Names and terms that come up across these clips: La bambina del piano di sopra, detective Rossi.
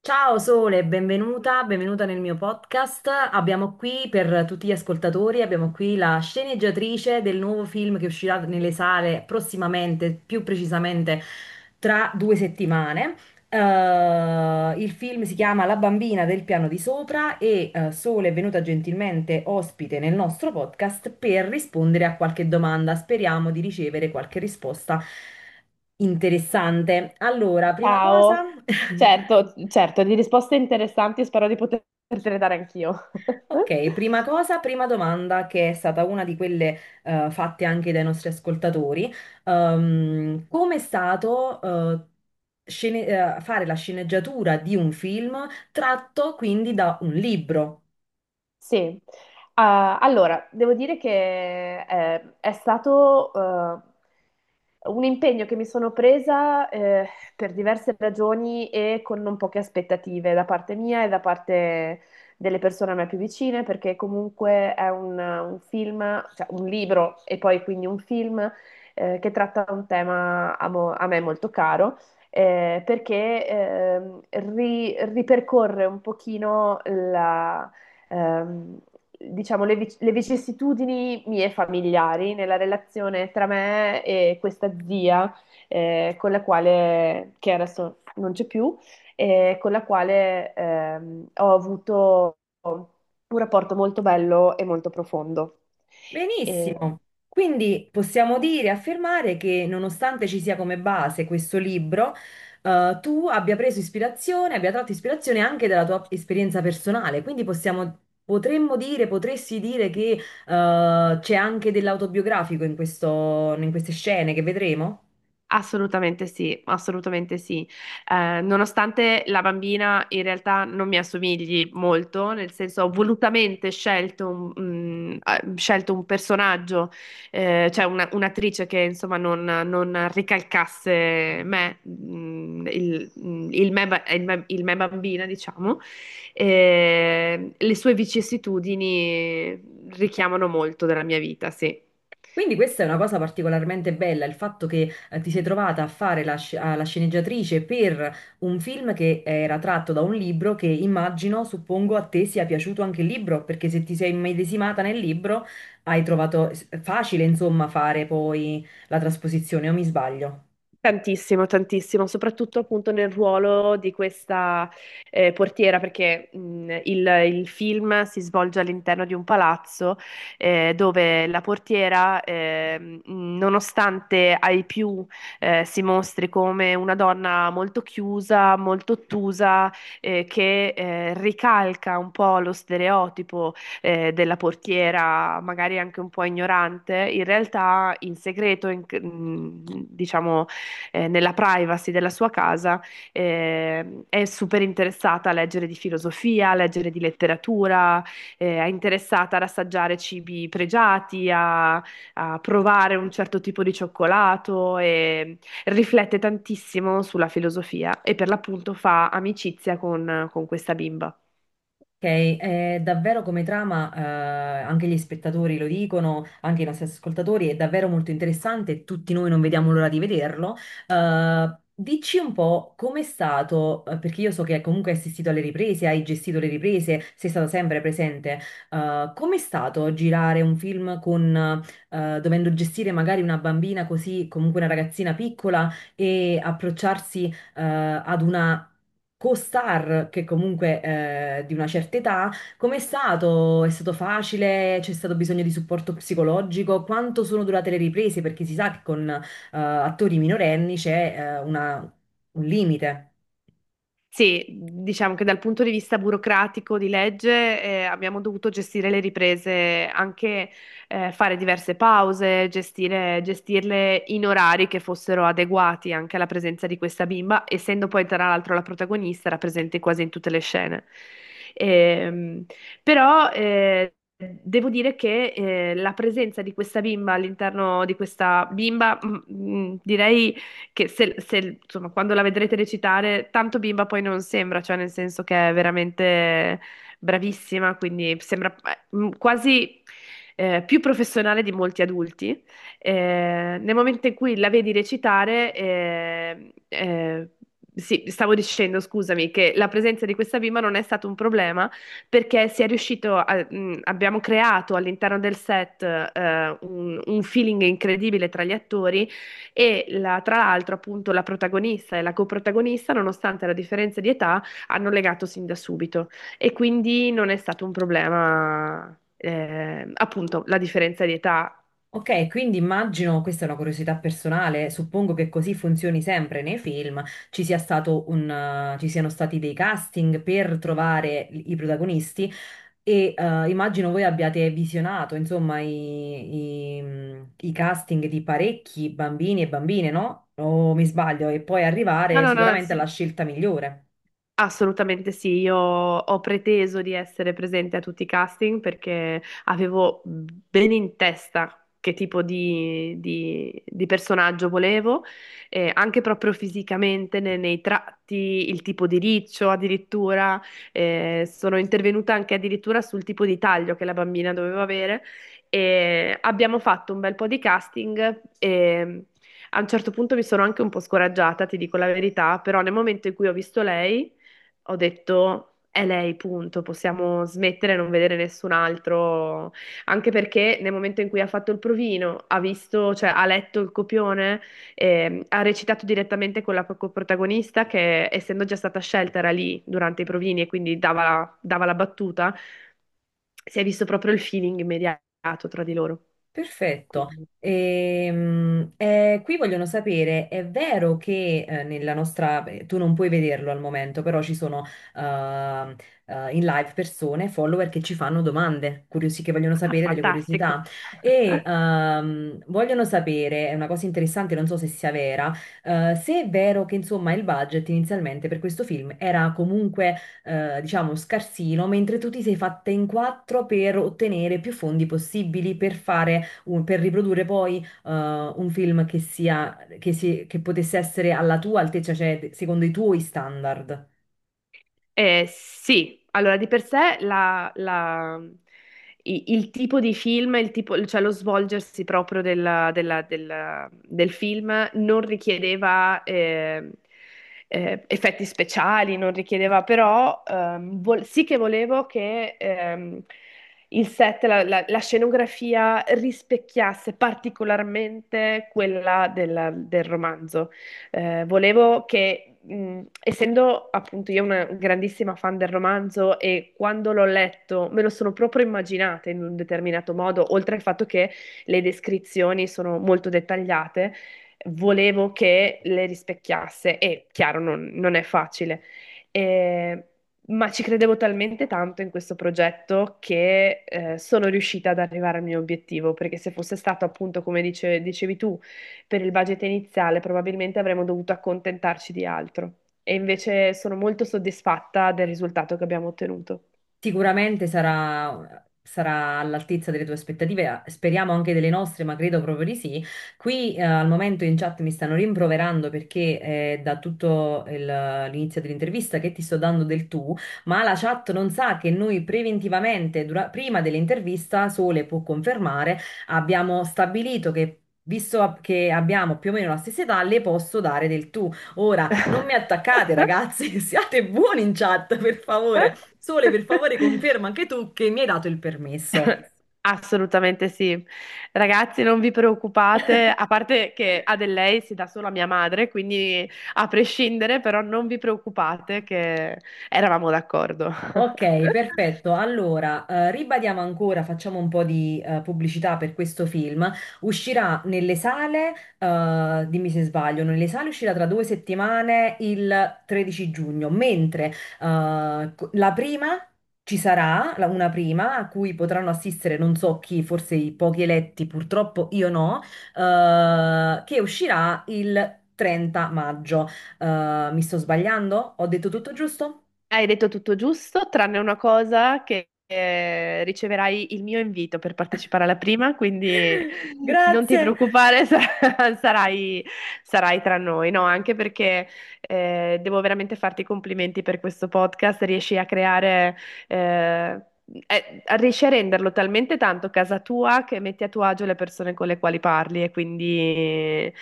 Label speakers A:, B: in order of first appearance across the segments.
A: Ciao Sole, benvenuta, benvenuta nel mio podcast. Abbiamo qui per tutti gli ascoltatori, abbiamo qui la sceneggiatrice del nuovo film che uscirà nelle sale prossimamente, più precisamente tra due settimane. Il film si chiama La bambina del piano di sopra e Sole è venuta gentilmente ospite nel nostro podcast per rispondere a qualche domanda. Speriamo di ricevere qualche risposta interessante. Allora, prima cosa...
B: Ciao. Certo, certo, di risposte interessanti, spero di potertele dare anch'io.
A: Ok, prima cosa, prima domanda che è stata una di quelle fatte anche dai nostri ascoltatori. Come è stato scene- fare la sceneggiatura di un film tratto quindi da un libro?
B: Sì, allora devo dire che è stato un impegno che mi sono presa per diverse ragioni e con non poche aspettative da parte mia e da parte delle persone a me più vicine, perché comunque è un film, cioè un libro e poi quindi un film che tratta un tema a me molto caro. Perché ripercorre un pochino ehm, diciamo, le vicissitudini mie familiari nella relazione tra me e questa zia, con la quale, che adesso non c'è più, e con la quale ho avuto un rapporto molto bello e molto profondo. E-
A: Benissimo, quindi possiamo dire e affermare che nonostante ci sia come base questo libro, tu abbia preso ispirazione, abbia tratto ispirazione anche dalla tua esperienza personale, quindi possiamo, potremmo dire, potresti dire che c'è anche dell'autobiografico in queste scene che vedremo?
B: Assolutamente sì, assolutamente sì. Nonostante la bambina in realtà non mi assomigli molto, nel senso ho volutamente scelto scelto un personaggio, cioè un'attrice che insomma non ricalcasse me, mm, il me, ba- il me bambina, diciamo. Le sue vicissitudini richiamano molto della mia vita, sì.
A: Quindi questa è una cosa particolarmente bella, il fatto che ti sei trovata a fare la sceneggiatrice per un film che era tratto da un libro che immagino, suppongo, a te sia piaciuto anche il libro, perché se ti sei immedesimata nel libro hai trovato facile, insomma, fare poi la trasposizione, o mi sbaglio?
B: Tantissimo, tantissimo, soprattutto appunto nel ruolo di questa portiera, perché il film si svolge all'interno di un palazzo dove la portiera, nonostante ai più si mostri come una donna molto chiusa, molto ottusa, che ricalca un po' lo stereotipo della portiera, magari anche un po' ignorante, in realtà in segreto, diciamo nella privacy della sua casa, è super interessata a leggere di filosofia, a leggere di letteratura, è interessata ad assaggiare cibi pregiati, a provare un certo tipo di cioccolato e riflette tantissimo sulla filosofia e per l'appunto fa amicizia con questa bimba.
A: Ok, è davvero come trama, anche gli spettatori lo dicono, anche i nostri ascoltatori, è davvero molto interessante, tutti noi non vediamo l'ora di vederlo. Dici un po' com'è stato, perché io so che comunque hai assistito alle riprese, hai gestito le riprese, sei stato sempre presente, com'è stato girare un film con, dovendo gestire magari una bambina così, comunque una ragazzina piccola e approcciarsi ad una co-star che comunque di una certa età, com'è stato? È stato facile? C'è stato bisogno di supporto psicologico? Quanto sono durate le riprese? Perché si sa che con attori minorenni c'è un limite.
B: Sì, diciamo che dal punto di vista burocratico di legge abbiamo dovuto gestire le riprese, anche fare diverse pause, gestirle in orari che fossero adeguati anche alla presenza di questa bimba, essendo poi tra l'altro la protagonista, era presente quasi in tutte le scene. Ehm, però devo dire che la presenza di questa bimba all'interno di questa bimba, direi che se, se, insomma, quando la vedrete recitare, tanto bimba poi non sembra, cioè nel senso che è veramente bravissima, quindi sembra quasi più professionale di molti adulti. Nel momento in cui la vedi recitare, sì, stavo dicendo, scusami, che la presenza di questa bimba non è stato un problema perché si è abbiamo creato all'interno del set un feeling incredibile tra gli attori tra l'altro, appunto, la protagonista e la coprotagonista, nonostante la differenza di età, hanno legato sin da subito e quindi non è stato un problema, appunto, la differenza di età.
A: Ok, quindi immagino, questa è una curiosità personale, suppongo che così funzioni sempre nei film, ci sia stato un, ci siano stati dei casting per trovare i protagonisti e immagino voi abbiate visionato, insomma, i casting di parecchi bambini e bambine, no? O mi sbaglio? E poi
B: No,
A: arrivare
B: no, no,
A: sicuramente alla
B: sì,
A: scelta migliore.
B: assolutamente sì, io ho preteso di essere presente a tutti i casting perché avevo bene in testa che tipo di personaggio volevo, anche proprio fisicamente, nei tratti, il tipo di riccio addirittura, sono intervenuta anche addirittura sul tipo di taglio che la bambina doveva avere e abbiamo fatto un bel po' di casting e a un certo punto mi sono anche un po' scoraggiata, ti dico la verità, però nel momento in cui ho visto lei ho detto è lei, punto, possiamo smettere e non vedere nessun altro, anche perché nel momento in cui ha fatto il provino, ha visto, cioè ha letto il copione, ha recitato direttamente con la protagonista che essendo già stata scelta era lì durante i provini e quindi dava dava la battuta, si è visto proprio il feeling immediato tra di loro.
A: Perfetto.
B: Quindi,
A: Qui vogliono sapere, è vero che nella nostra, beh, tu non puoi vederlo al momento, però ci sono ehm, in live persone, follower che ci fanno domande, curiosi, che vogliono
B: ah,
A: sapere delle
B: fantastico.
A: curiosità e vogliono sapere, è una cosa interessante, non so se sia vera, se è vero che insomma il budget inizialmente per questo film era comunque diciamo scarsino, mentre tu ti sei fatta in quattro per ottenere più fondi possibili per fare per riprodurre poi un film che sia, che, si- che potesse essere alla tua altezza, cioè secondo i tuoi standard.
B: Sì, allora di per sé il tipo di film, cioè lo svolgersi proprio del film non richiedeva effetti speciali, non richiedeva però, sì che volevo che il set, la scenografia rispecchiasse particolarmente quella del romanzo. Volevo che, essendo appunto io una grandissima fan del romanzo e quando l'ho letto me lo sono proprio immaginata in un determinato modo, oltre al fatto che le descrizioni sono molto dettagliate, volevo che le rispecchiasse e chiaro, non è facile. Eh, Ma ci credevo talmente tanto in questo progetto che sono riuscita ad arrivare al mio obiettivo, perché se fosse stato appunto, come dicevi tu, per il budget iniziale probabilmente avremmo dovuto accontentarci di altro. E invece sono molto soddisfatta del risultato che abbiamo ottenuto.
A: Sicuramente sarà, sarà all'altezza delle tue aspettative, speriamo anche delle nostre, ma credo proprio di sì. Qui al momento in chat mi stanno rimproverando perché da tutto l'inizio dell'intervista che ti sto dando del tu, ma la chat non sa che noi preventivamente, prima dell'intervista, Sole può confermare, abbiamo stabilito che... Visto che abbiamo più o meno la stessa età, le posso dare del tu. Ora, non mi attaccate, ragazzi, siate buoni in chat, per favore. Sole, per favore, conferma anche tu che mi hai dato il permesso.
B: Assolutamente sì. Ragazzi, non vi preoccupate, a parte che a del lei si dà solo a mia madre, quindi a prescindere, però non vi preoccupate che eravamo d'accordo.
A: Ok, perfetto. Allora, ribadiamo ancora, facciamo un po' di pubblicità per questo film. Uscirà nelle sale, dimmi se sbaglio, nelle sale uscirà tra due settimane il 13 giugno, mentre la prima ci sarà, una prima a cui potranno assistere non so chi, forse i pochi eletti, purtroppo io no, che uscirà il 30 maggio. Mi sto sbagliando? Ho detto tutto giusto?
B: Hai detto tutto giusto, tranne una cosa che riceverai il mio invito per partecipare alla prima, quindi non ti
A: Grazie.
B: preoccupare, sarai, sarai tra noi, no? Anche perché devo veramente farti i complimenti per questo podcast, riesci a creare, eh, riesci a renderlo talmente tanto casa tua che metti a tuo agio le persone con le quali parli e quindi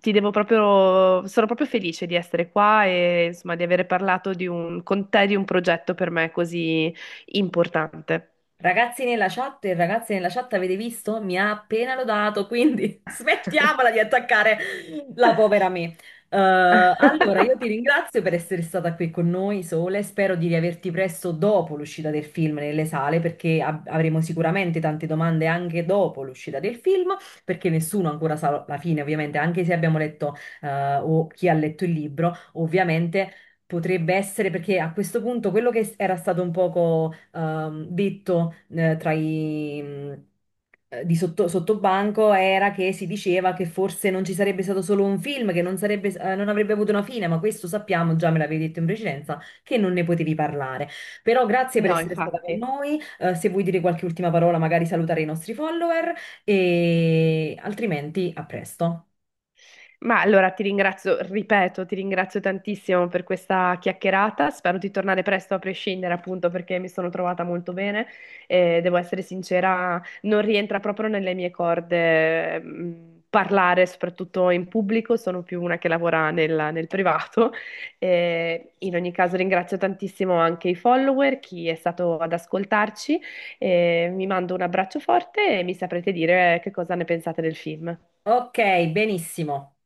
B: ti devo proprio, sono proprio felice di essere qua e insomma di aver parlato di con te di un progetto per me così importante.
A: Ragazzi nella chat e ragazze nella chat, avete visto? Mi ha appena lodato, quindi smettiamola di attaccare la povera me. Allora, io ti ringrazio per essere stata qui con noi, Sole. Spero di riaverti presto dopo l'uscita del film nelle sale, perché avremo sicuramente tante domande anche dopo l'uscita del film, perché nessuno ancora sa la fine, ovviamente, anche se abbiamo letto, o chi ha letto il libro, ovviamente. Potrebbe essere perché a questo punto quello che era stato un poco detto di sotto, sottobanco era che si diceva che forse non ci sarebbe stato solo un film, che non sarebbe, non avrebbe avuto una fine, ma questo sappiamo, già me l'avevi detto in precedenza, che non ne potevi parlare. Però grazie per
B: No,
A: essere stata con
B: infatti.
A: noi, se vuoi dire qualche ultima parola, magari salutare i nostri follower e altrimenti a presto.
B: Ma allora ti ringrazio, ripeto, ti ringrazio tantissimo per questa chiacchierata. Spero di tornare presto a prescindere, appunto, perché mi sono trovata molto bene e devo essere sincera, non rientra proprio nelle mie corde, parlare soprattutto in pubblico, sono più una che lavora nel privato. E in ogni caso ringrazio tantissimo anche i follower, chi è stato ad ascoltarci. E mi mando un abbraccio forte e mi saprete dire che cosa ne pensate del film.
A: Ok, benissimo.